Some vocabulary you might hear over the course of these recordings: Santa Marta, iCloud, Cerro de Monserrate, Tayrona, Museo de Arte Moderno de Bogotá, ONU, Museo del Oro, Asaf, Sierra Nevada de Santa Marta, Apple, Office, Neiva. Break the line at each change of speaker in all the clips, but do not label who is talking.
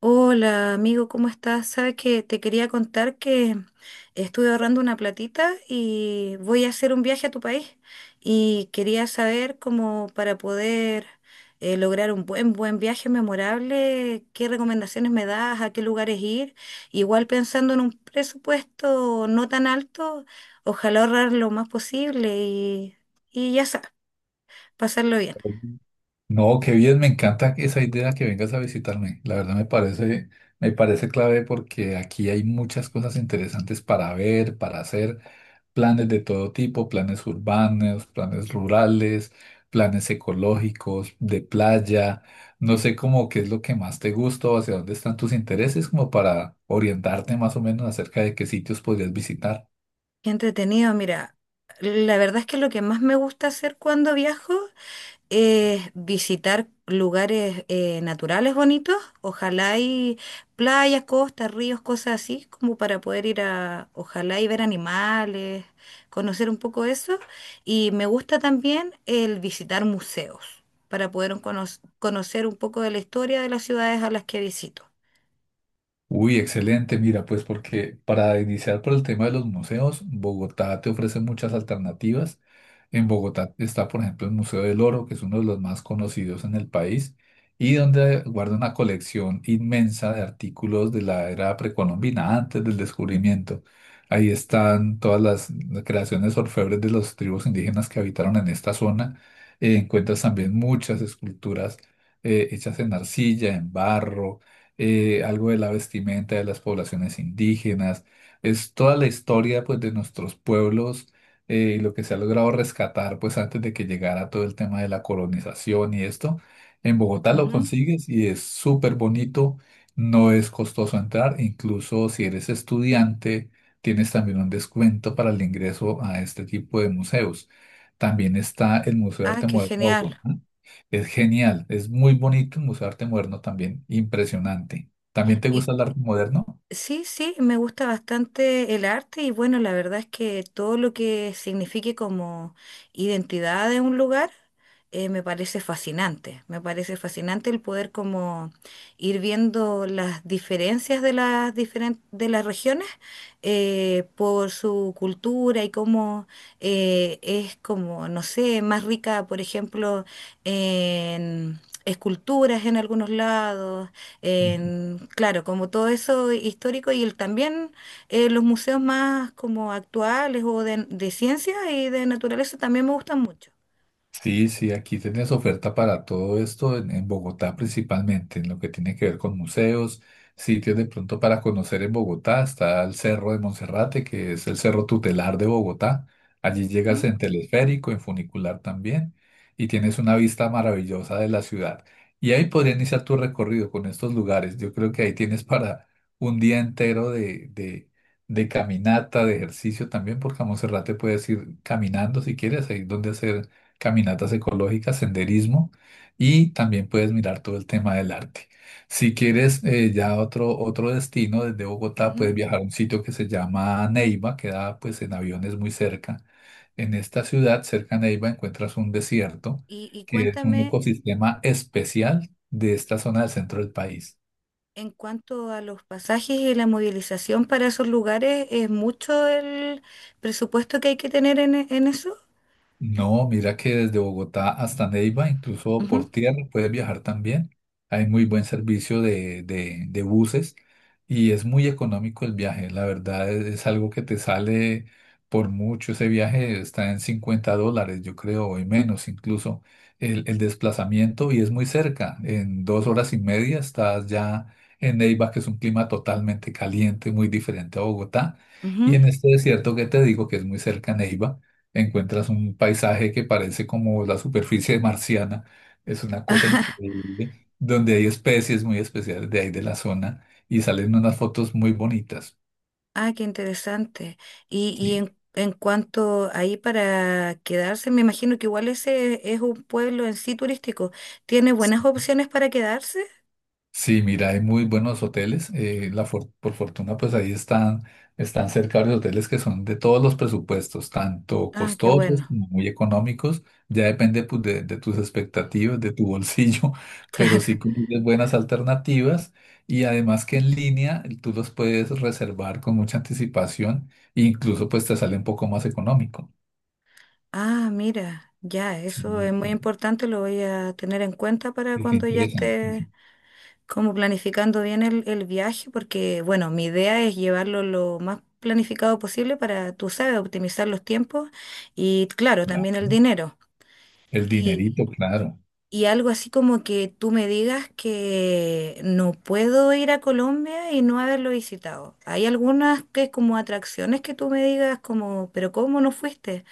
Hola amigo, ¿cómo estás? Sabes que te quería contar que estuve ahorrando una platita y voy a hacer un viaje a tu país y quería saber cómo para poder lograr un buen viaje memorable, qué recomendaciones me das, a qué lugares ir. Igual pensando en un presupuesto no tan alto, ojalá ahorrar lo más posible y ya sabes, pasarlo bien.
No, qué bien, me encanta esa idea que vengas a visitarme. La verdad me parece clave porque aquí hay muchas cosas interesantes para ver, para hacer, planes de todo tipo, planes urbanos, planes rurales, planes ecológicos, de playa. No sé cómo qué es lo que más te gusta o hacia dónde están tus intereses, como para orientarte más o menos acerca de qué sitios podrías visitar.
Qué entretenido, mira. La verdad es que lo que más me gusta hacer cuando viajo es visitar lugares naturales bonitos, ojalá hay playas, costas, ríos, cosas así, como para poder ir a, ojalá y ver animales, conocer un poco eso. Y me gusta también el visitar museos, para poder conocer un poco de la historia de las ciudades a las que visito.
Uy, excelente. Mira, pues porque para iniciar por el tema de los museos, Bogotá te ofrece muchas alternativas. En Bogotá está, por ejemplo, el Museo del Oro, que es uno de los más conocidos en el país y donde guarda una colección inmensa de artículos de la era precolombina, antes del descubrimiento. Ahí están todas las creaciones orfebres de las tribus indígenas que habitaron en esta zona. Encuentras también muchas esculturas hechas en arcilla, en barro, algo de la vestimenta de las poblaciones indígenas, es toda la historia pues de nuestros pueblos, y lo que se ha logrado rescatar pues antes de que llegara todo el tema de la colonización y esto. En Bogotá lo
Ujú.
consigues y es súper bonito, no es costoso entrar, incluso si eres estudiante tienes también un descuento para el ingreso a este tipo de museos. También está el Museo de
Ah,
Arte
qué
Moderno de
genial.
Bogotá. Es genial, es muy bonito el Museo de Arte Moderno también, impresionante. ¿También te
¿Y
gusta el arte moderno?
sí, sí, me gusta bastante el arte y bueno, la verdad es que todo lo que signifique como identidad de un lugar, me parece fascinante. Me parece fascinante el poder como ir viendo las diferencias de de las regiones, por su cultura y cómo, es como, no sé, más rica, por ejemplo, en esculturas en algunos lados, en, claro, como todo eso histórico y el, también, los museos más como actuales o de ciencia y de naturaleza también me gustan mucho.
Sí, sí, aquí tenés oferta para todo esto en Bogotá principalmente, en lo que tiene que ver con museos, sitios de pronto para conocer en Bogotá, está el Cerro de Monserrate, que es el cerro tutelar de Bogotá. Allí llegas
Ujú,
en teleférico, en funicular también, y tienes una vista maravillosa de la ciudad. Y ahí podría iniciar tu recorrido con estos lugares. Yo creo que ahí tienes para un día entero de caminata, de ejercicio también, porque a Monserrate puedes ir caminando si quieres, ahí es donde hacer caminatas ecológicas, senderismo y también puedes mirar todo el tema del arte. Si quieres ya otro, otro destino desde Bogotá,
ujú.
puedes viajar a un sitio que se llama Neiva, queda pues en aviones muy cerca. En esta ciudad, cerca a Neiva, encuentras un desierto
Y
que es un
cuéntame,
ecosistema especial de esta zona del centro del país.
en cuanto a los pasajes y la movilización para esos lugares, ¿es mucho el presupuesto que hay que tener en eso?
No, mira que desde Bogotá hasta Neiva, incluso
Ujú,
por tierra, puedes viajar también. Hay muy buen servicio de buses y es muy económico el viaje. La verdad es algo que te sale por mucho. Ese viaje está en $50, yo creo, o en menos incluso el desplazamiento y es muy cerca. En dos horas y media estás ya en Neiva, que es un clima totalmente caliente, muy diferente a Bogotá. Y
ujú.
en este desierto que te digo, que es muy cerca a Neiva encuentras un paisaje que parece como la superficie marciana, es una cosa increíble, donde hay especies muy especiales de ahí de la zona y salen unas fotos muy bonitas,
Ah, qué interesante. Y
sí.
en cuanto ahí para quedarse, me imagino que igual ese es un pueblo en sí turístico. ¿Tiene buenas opciones para quedarse?
Sí, mira, hay muy buenos hoteles. Por fortuna, pues ahí están, están cerca varios hoteles que son de todos los presupuestos, tanto
Ah, qué
costosos
bueno,
como muy económicos. Ya depende pues, de tus expectativas, de tu bolsillo, pero
claro.
sí conoces buenas alternativas. Y además que en línea tú los puedes reservar con mucha anticipación e incluso pues te sale un poco más económico.
Ah, mira, ya,
Sí,
eso es
sí,
muy
sí,
importante, lo voy a tener en cuenta para
es
cuando ya
interesante.
esté
Sí,
como planificando bien el viaje, porque bueno, mi idea es llevarlo lo más planificado posible para, tú sabes, optimizar los tiempos y claro,
claro.
también el
¿No?
dinero.
El dinerito, claro.
Y algo así como que tú me digas que no puedo ir a Colombia y no haberlo visitado. Hay algunas que como atracciones que tú me digas como, pero ¿cómo no fuiste?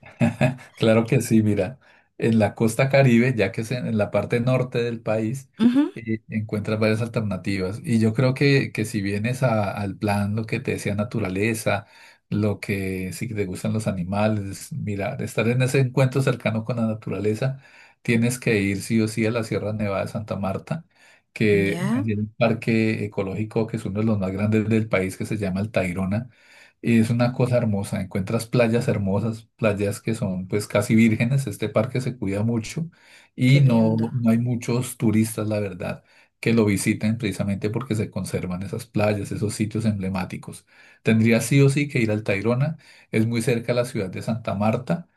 Claro que sí, mira, en la costa Caribe, ya que es en la parte norte del país,
Ujú.
encuentras varias alternativas. Y yo creo que si vienes al plan, lo que te decía naturaleza, lo que si te gustan los animales, mira, estar en ese encuentro cercano con la naturaleza, tienes que ir sí o sí a la Sierra Nevada de Santa Marta, que
Ya,
allí hay un parque ecológico que es uno de los más grandes del país, que se llama el Tayrona. Es una cosa hermosa, encuentras playas hermosas, playas que son pues casi vírgenes, este parque se cuida mucho
qué
y no,
lindo.
no hay muchos turistas, la verdad, que lo visiten precisamente porque se conservan esas playas, esos sitios emblemáticos. Tendrías sí o sí que ir al Tayrona, es muy cerca a la ciudad de Santa Marta.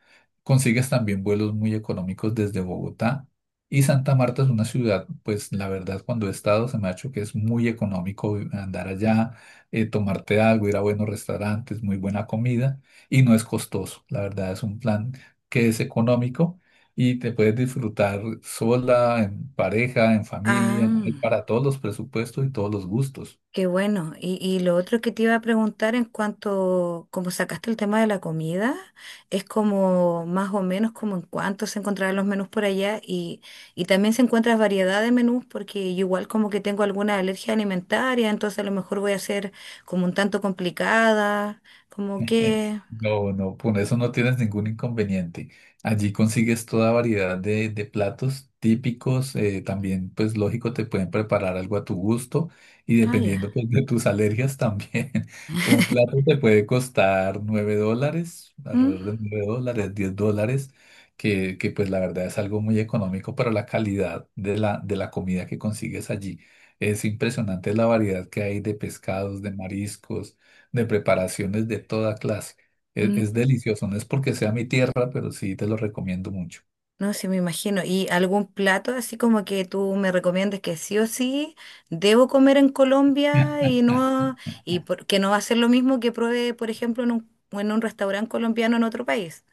Consigues también vuelos muy económicos desde Bogotá y Santa Marta es una ciudad, pues la verdad cuando he estado se me ha hecho que es muy económico andar allá, tomarte algo, ir a buenos restaurantes, muy buena comida y no es costoso. La verdad es un plan que es económico y te puedes disfrutar sola, en pareja, en familia, hay
Ah.
para todos los presupuestos y todos los gustos.
Qué bueno. Y lo otro que te iba a preguntar en cuanto, como sacaste el tema de la comida, es como más o menos como en cuánto se encontrarán los menús por allá y también se encuentra variedad de menús porque yo igual como que tengo alguna alergia alimentaria, entonces a lo mejor voy a ser como un tanto complicada, como que...
No, no, con eso no tienes ningún inconveniente. Allí consigues toda variedad de platos típicos. También, pues lógico, te pueden preparar algo a tu gusto y
Ah,
dependiendo
ya.
pues, de tus alergias también. Un plato te puede costar $9,
¿Mm?
alrededor de $9, $10, que pues la verdad es algo muy económico para la calidad de la comida que consigues allí. Es impresionante la variedad que hay de pescados, de mariscos, de preparaciones de toda clase.
Mm.
Es delicioso, no es porque sea mi tierra, pero sí te lo recomiendo mucho.
No, sí me imagino. ¿Y algún plato así como que tú me recomiendes que sí o sí debo comer en Colombia que no va a ser lo mismo que pruebe, por ejemplo, en en un restaurante colombiano en otro país?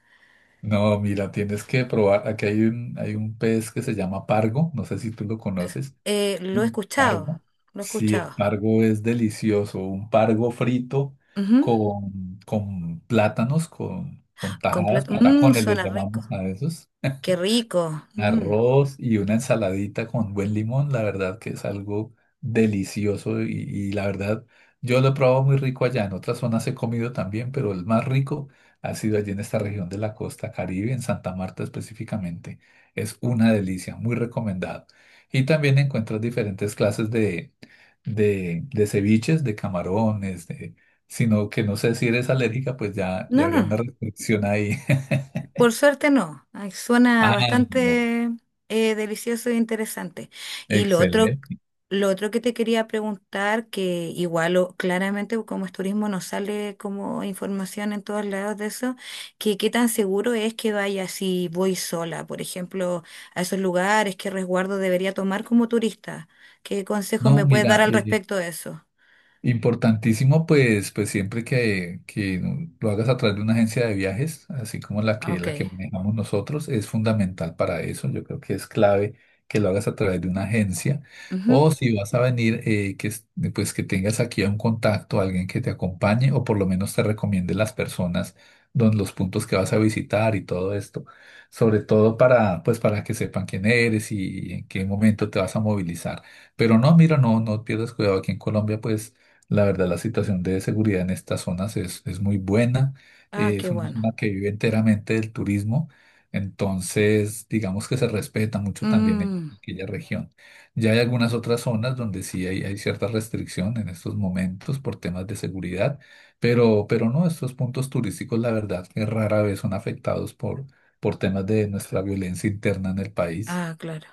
No, mira, tienes que probar. Aquí hay hay un pez que se llama pargo, no sé si tú lo conoces.
Lo he
Mm.
escuchado,
Pargo.
lo he
Sí, el
escuchado.
pargo es delicioso. Un pargo frito
Ujú.
con plátanos, con
Con
tajadas,
plato- mm,
patacones les
suena rico.
llamamos a esos.
Qué rico. Mm.
Arroz y una ensaladita con buen limón, la verdad que es algo delicioso y la verdad yo lo he probado muy rico allá. En otras zonas he comido también, pero el más rico ha sido allí en esta región de la costa Caribe, en Santa Marta específicamente. Es una delicia, muy recomendado. Y también encuentras diferentes clases de ceviches, de camarones, de, sino que no sé si eres alérgica, pues ya, ya
No, no,
habría
no.
una restricción ahí.
Por suerte no. Ay, suena
Ah, no.
bastante delicioso e interesante. Y
Excelente.
lo otro que te quería preguntar, que claramente como es turismo no sale como información en todos lados de eso, que qué tan seguro es que vaya si voy sola, por ejemplo, a esos lugares, qué resguardo debería tomar como turista, qué consejos
No,
me puedes dar
mira,
al respecto de eso.
importantísimo, pues, pues siempre que lo hagas a través de una agencia de viajes, así como
Ok.
la que manejamos nosotros, es fundamental para eso. Yo creo que es clave que lo hagas a través de una agencia.
Ujú.
O si vas a venir, pues que tengas aquí a un contacto, alguien que te acompañe o por lo menos te recomiende las personas, los puntos que vas a visitar y todo esto. Sobre todo para, pues, para que sepan quién eres y en qué momento te vas a movilizar. Pero no, mira, no, no pierdas cuidado. Aquí en Colombia, pues la verdad, la situación de seguridad en estas zonas es muy buena.
Ah, qué
Es una
bueno.
zona que vive enteramente del turismo. Entonces, digamos que se respeta mucho también en
Mm.
aquella región. Ya hay algunas otras zonas donde sí hay cierta restricción en estos momentos por temas de seguridad, pero no, estos puntos turísticos, la verdad, que rara vez son afectados por temas de nuestra violencia interna en el país.
Ah, claro.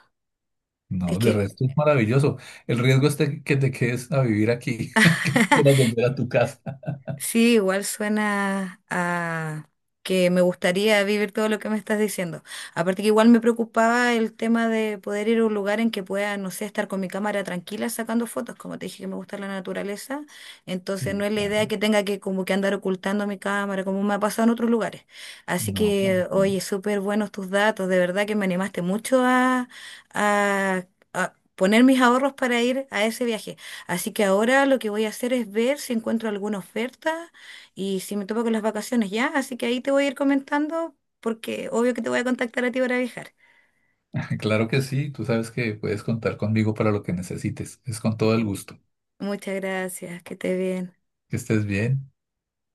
Es
No, de
que
resto es maravilloso. El riesgo es de que te quedes a vivir aquí, quieras volver a tu casa.
sí, igual suena a que me gustaría vivir todo lo que me estás diciendo. Aparte que igual me preocupaba el tema de poder ir a un lugar en que pueda, no sé, estar con mi cámara tranquila sacando fotos. Como te dije que me gusta la naturaleza, entonces no
Sí,
es la idea
claro.
que tenga que como que andar ocultando mi cámara, como me ha pasado en otros lugares. Así
No,
que, oye, súper buenos tus datos. De verdad que me animaste mucho a, a a poner mis ahorros para ir a ese viaje. Así que ahora lo que voy a hacer es ver si encuentro alguna oferta y si me topo con las vacaciones ya. Así que ahí te voy a ir comentando porque obvio que te voy a contactar a ti para viajar.
claro que sí. Tú sabes que puedes contar conmigo para lo que necesites. Es con todo el gusto.
Muchas gracias, que estés bien.
Que estés bien.